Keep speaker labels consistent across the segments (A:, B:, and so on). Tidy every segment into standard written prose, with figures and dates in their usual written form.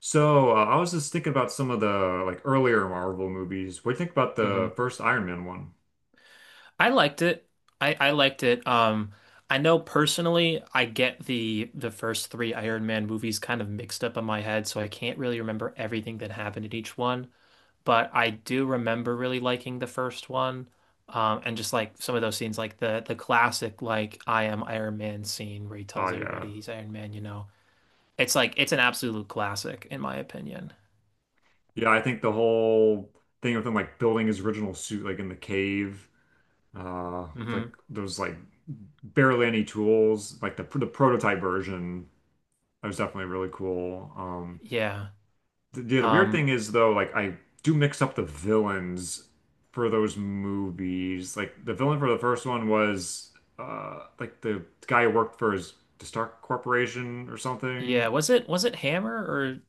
A: So, I was just thinking about some of the like earlier Marvel movies. What do you think about
B: Hmm,
A: the first Iron Man one?
B: I liked it. I liked it. I know personally, I get the first three Iron Man movies kind of mixed up in my head, so I can't really remember everything that happened in each one. But I do remember really liking the first one, and just like some of those scenes, like the classic like I am Iron Man scene where he
A: Oh
B: tells
A: yeah.
B: everybody he's Iron Man. It's like it's an absolute classic in my opinion.
A: Yeah, I think the whole thing of him like building his original suit like in the cave, uh like
B: Hmm.
A: those like barely any tools, like the prototype version. That was definitely really cool.
B: Yeah.
A: The weird
B: Um,
A: thing is though, like I do mix up the villains for those movies. Like the villain for the first one was like the guy who worked for his the Stark Corporation or something.
B: yeah. Was it Hammer,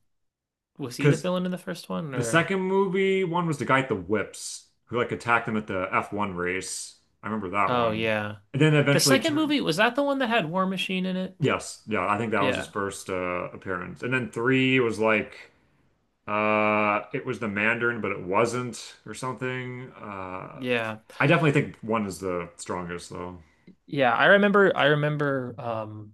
B: was he the
A: Because
B: villain in the first one
A: the
B: or
A: second movie one was the guy at the whips who like attacked him at the F1 race. I remember that
B: oh
A: one.
B: yeah
A: And then
B: the
A: eventually
B: second
A: turned.
B: movie, was that the one that had War Machine in it?
A: Yes, yeah, I think that was his
B: Yeah,
A: first appearance. And then three was like. It was the Mandarin, but it wasn't, or something.
B: yeah,
A: I definitely think one is the strongest, though.
B: yeah. I remember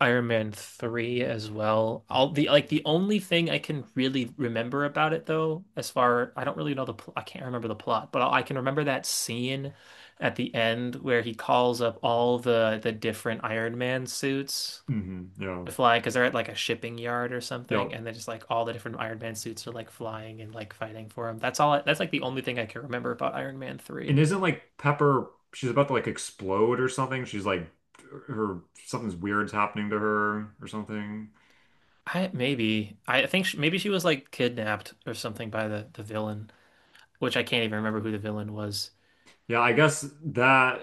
B: Iron Man 3 as well. All the like the only thing I can really remember about it though, as far I don't really know the pl I can't remember the plot, but I can remember that scene at the end where he calls up all the different Iron Man suits
A: Hmm. Yeah.
B: fly because they're at like a shipping yard or
A: Yeah.
B: something, and then just like all the different Iron Man suits are like flying and like fighting for him. That's all. I, that's like the only thing I can remember about Iron Man
A: And
B: 3.
A: isn't like Pepper, she's about to like explode or something. She's like, her, something's weird's happening to her or something.
B: I maybe I think she, maybe she was like kidnapped or something by the villain, which I can't even remember who the villain was.
A: Yeah, I guess that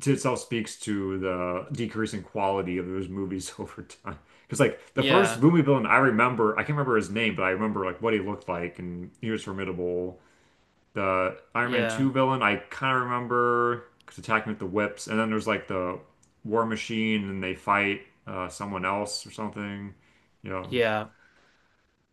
A: to itself speaks to the decreasing quality of those movies over time. Because like the first
B: Yeah,
A: movie villain I remember, I can't remember his name, but I remember like what he looked like and he was formidable. The Iron Man
B: yeah,
A: 2 villain, I kind of remember because attacking with the whips. And then there's like the War Machine and they fight someone else or something. You know.
B: yeah.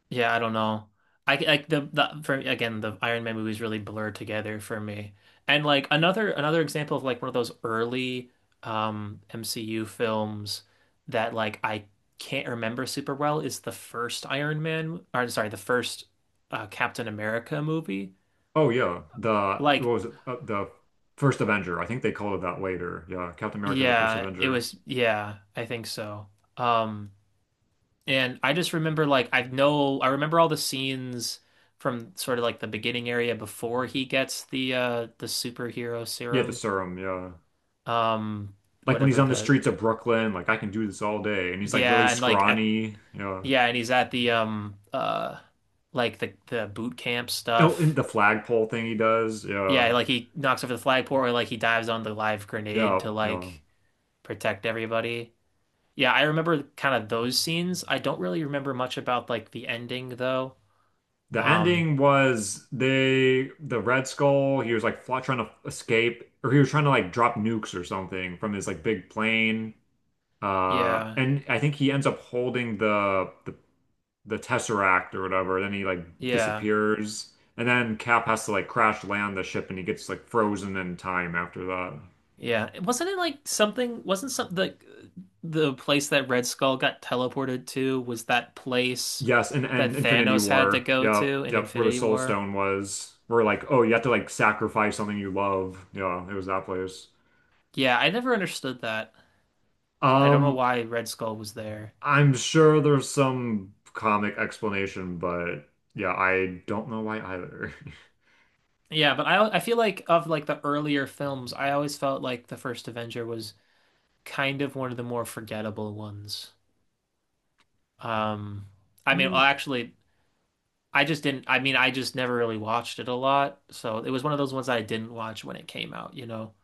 B: Yeah, I don't know. I like the for again the Iron Man movies really blur together for me. And like another example of like one of those early MCU films that like I can't remember super well is the first Iron Man, or sorry, the first Captain America movie.
A: Oh, yeah. The, what
B: Like
A: was it? The First Avenger. I think they called it that later. Yeah. Captain America, the First
B: yeah, it
A: Avenger.
B: was yeah, I think so. Um, and I just remember like I know I remember all the scenes from sort of like the beginning area before he gets the superhero
A: Yeah, the
B: serum.
A: serum. Yeah.
B: Um,
A: Like when he's
B: whatever
A: on the
B: the
A: streets of Brooklyn, like I can do this all day. And he's like really
B: yeah, and like at
A: scrawny. Yeah.
B: yeah, and he's at the like the boot camp
A: You know, in
B: stuff.
A: the flagpole thing he does. Yeah.
B: Yeah, like he knocks over the flagpole or like he dives on the live grenade
A: Yeah.
B: to
A: Yeah.
B: like protect everybody. Yeah, I remember kind of those scenes. I don't really remember much about like the ending though.
A: The
B: Um,
A: ending was they the Red Skull, he was like fly, trying to escape or he was trying to like drop nukes or something from his like big plane.
B: yeah.
A: And I think he ends up holding the Tesseract or whatever, then he like
B: Yeah.
A: disappears. And then Cap has to like crash land the ship and he gets like frozen in time after that.
B: Yeah, wasn't it like something? Wasn't some the place that Red Skull got teleported to was that place
A: Yes, and,
B: that
A: and Infinity
B: Thanos had to
A: War.
B: go
A: Yep,
B: to in
A: yep, where the
B: Infinity
A: Soul
B: War?
A: Stone was. Where like, oh, you have to like sacrifice something you love. Yeah, it was that place.
B: Yeah, I never understood that. I don't know
A: Um,
B: why Red Skull was there.
A: I'm sure there's some comic explanation, but yeah, I don't know why either.
B: Yeah, but I feel like of like the earlier films, I always felt like the first Avenger was kind of one of the more forgettable ones. Um, I mean, well,
A: Mm.
B: actually, I just didn't. I mean, I just never really watched it a lot, so it was one of those ones I didn't watch when it came out, you know.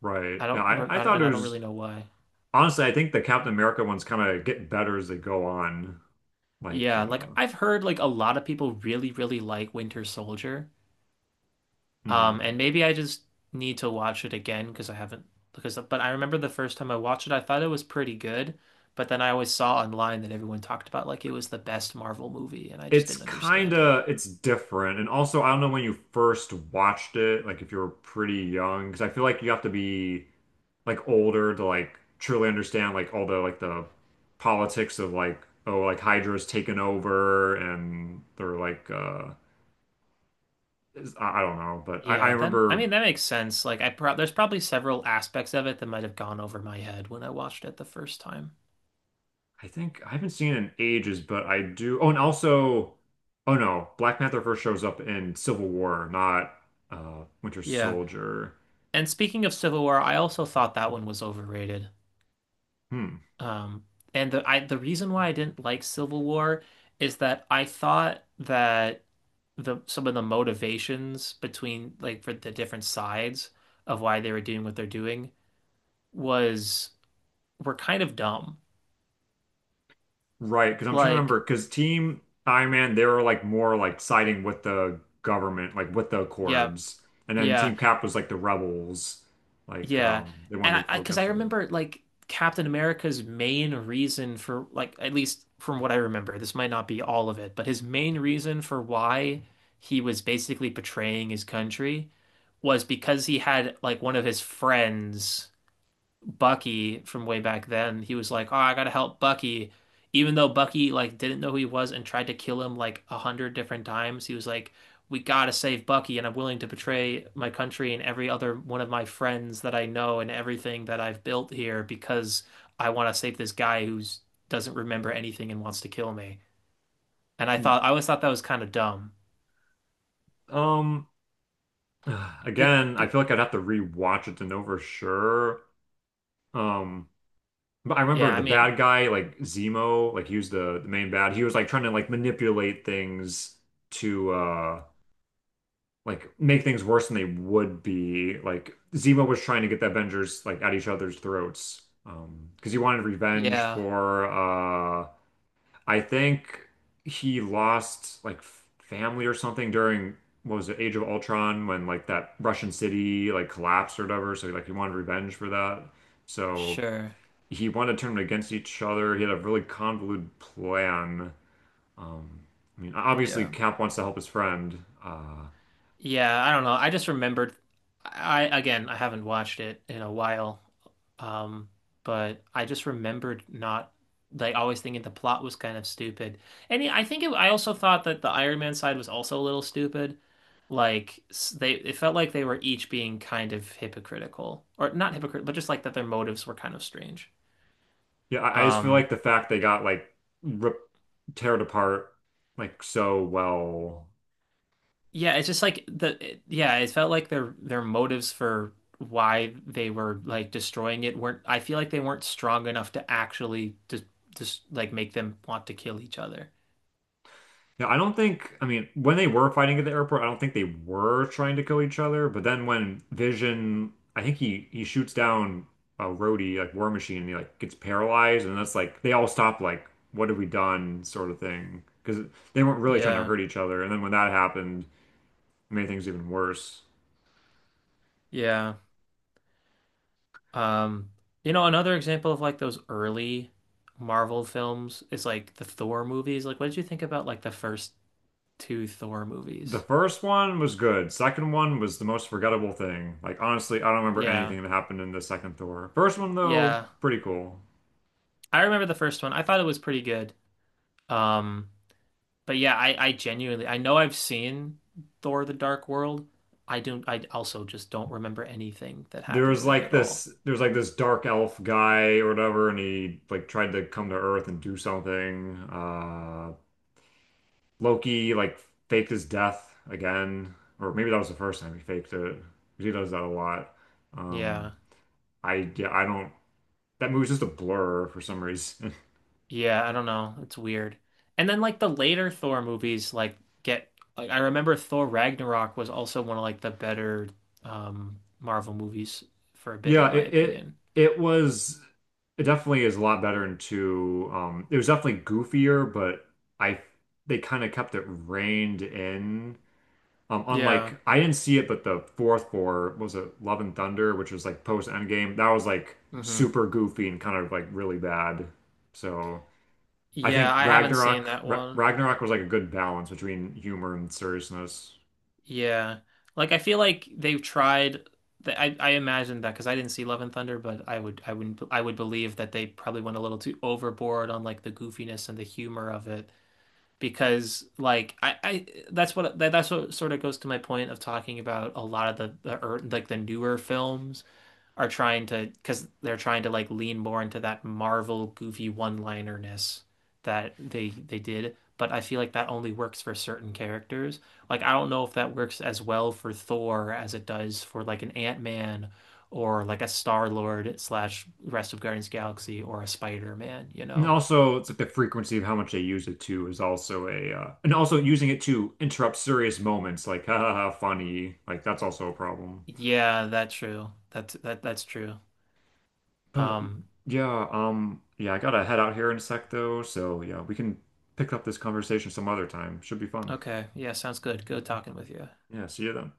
A: Right.
B: I
A: Yeah,
B: don't, rem-
A: I
B: I don't,
A: thought it
B: and I don't really
A: was
B: know why.
A: honestly, I think the Captain America ones kind of get better as they go on. Like,
B: Yeah, like I've heard like a lot of people really, really like Winter Soldier.
A: mhm.
B: And maybe I just need to watch it again because I haven't because but I remember the first time I watched it, I thought it was pretty good, but then I always saw online that everyone talked about like it was the best Marvel movie, and I just
A: It's
B: didn't
A: kind
B: understand it.
A: of it's different, and also I don't know when you first watched it, like if you were pretty young, because I feel like you have to be, like older to like truly understand like all the like the politics of like oh like Hydra's taken over and they're like I don't know, but I
B: Yeah, that I
A: remember
B: mean that makes sense. Like I pro there's probably several aspects of it that might have gone over my head when I watched it the first time.
A: I think I haven't seen it in ages, but I do, oh, and also, oh no, Black Panther first shows up in Civil War, not Winter
B: Yeah,
A: Soldier.
B: and speaking of Civil War, I also thought that one was overrated.
A: Hmm.
B: Um, and the I the reason why I didn't like Civil War is that I thought that the some of the motivations between like for the different sides of why they were doing what they're doing was were kind of dumb.
A: Right, because I'm trying to
B: Like,
A: remember, because Team Iron Man, they were like more like siding with the government, like with the
B: yeah,
A: Accords. And then
B: yeah.
A: Team Cap was like the rebels. Like
B: Yeah.
A: they
B: And
A: wanted
B: I,
A: to
B: I,
A: go
B: because I
A: against it.
B: remember like Captain America's main reason for like at least from what I remember, this might not be all of it, but his main reason for why he was basically betraying his country was because he had like one of his friends. Bucky from way back then, he was like, "Oh, I gotta help Bucky," even though Bucky like didn't know who he was and tried to kill him like a hundred different times. He was like, "We gotta save Bucky, and I'm willing to betray my country and every other one of my friends that I know and everything that I've built here because I want to save this guy who doesn't remember anything and wants to kill me." And I
A: Y-
B: thought I always thought that was kind of dumb.
A: Um
B: Big,
A: Again, I
B: big,
A: feel like I'd have to rewatch it to know for sure. Um but I remember
B: yeah. I
A: the
B: mean,
A: bad guy, like Zemo, like he was the main bad. He was like trying to like manipulate things to like make things worse than they would be. Like Zemo was trying to get the Avengers like at each other's throats because he wanted revenge
B: yeah,
A: for I think he lost like family or something during what was it Age of Ultron when like that Russian city like collapsed or whatever. So like he wanted revenge for that. So
B: sure,
A: he wanted to turn them against each other. He had a really convoluted plan. Um, I mean, obviously
B: yeah.
A: Cap wants to help his friend.
B: Yeah, I don't know. I just remembered I again, I haven't watched it in a while. Um, but I just remembered not like always thinking the plot was kind of stupid. And yeah, I think it, I also thought that the Iron Man side was also a little stupid. Like s- they it felt like they were each being kind of hypocritical or not hypocritical, but just like that their motives were kind of strange.
A: Yeah, I just feel
B: Um,
A: like the fact they got like rip, teared apart like so well.
B: Yeah, it's just like the it- yeah, it felt like their motives for why they were like destroying it weren't I feel like they weren't strong enough to actually just like make them want to kill each other.
A: Yeah, I don't think, I mean, when they were fighting at the airport, I don't think they were trying to kill each other. But then when Vision, I think he shoots down a Rhodey, like War Machine, and he like gets paralyzed, and that's like they all stop like, what have we done, sort of thing, because they weren't really trying to
B: Yeah.
A: hurt each other. And then when that happened, it made things even worse.
B: Yeah. Um, you know another example of like those early Marvel films is like the Thor movies. Like what did you think about like the first two Thor
A: The
B: movies?
A: first one was good. Second one was the most forgettable thing. Like honestly, I don't remember
B: Yeah.
A: anything that happened in the second Thor. First one though,
B: Yeah.
A: pretty cool.
B: I remember the first one. I thought it was pretty good. Um, but yeah, I genuinely I know I've seen Thor: The Dark World. I don't I also just don't remember anything that
A: There
B: happened
A: was
B: in it
A: like
B: at all.
A: this there's like this dark elf guy or whatever, and he like tried to come to Earth and do something. Loki like faked his death again. Or maybe that was the first time he faked it. 'Cause he does that a lot. Um
B: Yeah.
A: I Yeah, I don't, that movie's just a blur for some reason.
B: Yeah, I don't know. It's weird. And then like the later Thor movies like get like I remember Thor Ragnarok was also one of like the better Marvel movies for a bit in
A: Yeah,
B: my
A: it it
B: opinion.
A: it was, it definitely is a lot better in two. It was definitely goofier, but I they kind of kept it reined in.
B: Yeah.
A: Unlike, I didn't see it, but the fourth four what was it, Love and Thunder, which was like post Endgame. That was like
B: Hmm.
A: super goofy and kind of like really bad. So I think
B: Yeah, I haven't seen that one.
A: Ragnarok was like a good balance between humor and seriousness.
B: Yeah. Like I feel like they've tried th- I imagined that because I didn't see Love and Thunder, but I would I wouldn't I would believe that they probably went a little too overboard on like the goofiness and the humor of it because like I that's what that, that's what sort of goes to my point of talking about a lot of the like the newer films are trying to because they're trying to like lean more into that Marvel goofy one-linerness that they did. But I feel like that only works for certain characters. Like I don't know if that works as well for Thor as it does for like an Ant-Man or like a Star-Lord slash rest of Guardians of the Galaxy or a Spider-Man, you
A: And
B: know?
A: also, it's like the frequency of how much they use it too is also a, and also using it to interrupt serious moments, like ha ha ha, funny, like that's also a problem.
B: Yeah, that's true. That's that's true.
A: But
B: Um,
A: yeah, yeah, I gotta head out here in a sec though, so yeah, we can pick up this conversation some other time. Should be fun.
B: okay. Yeah, sounds good. Good talking with you.
A: Yeah, see you then.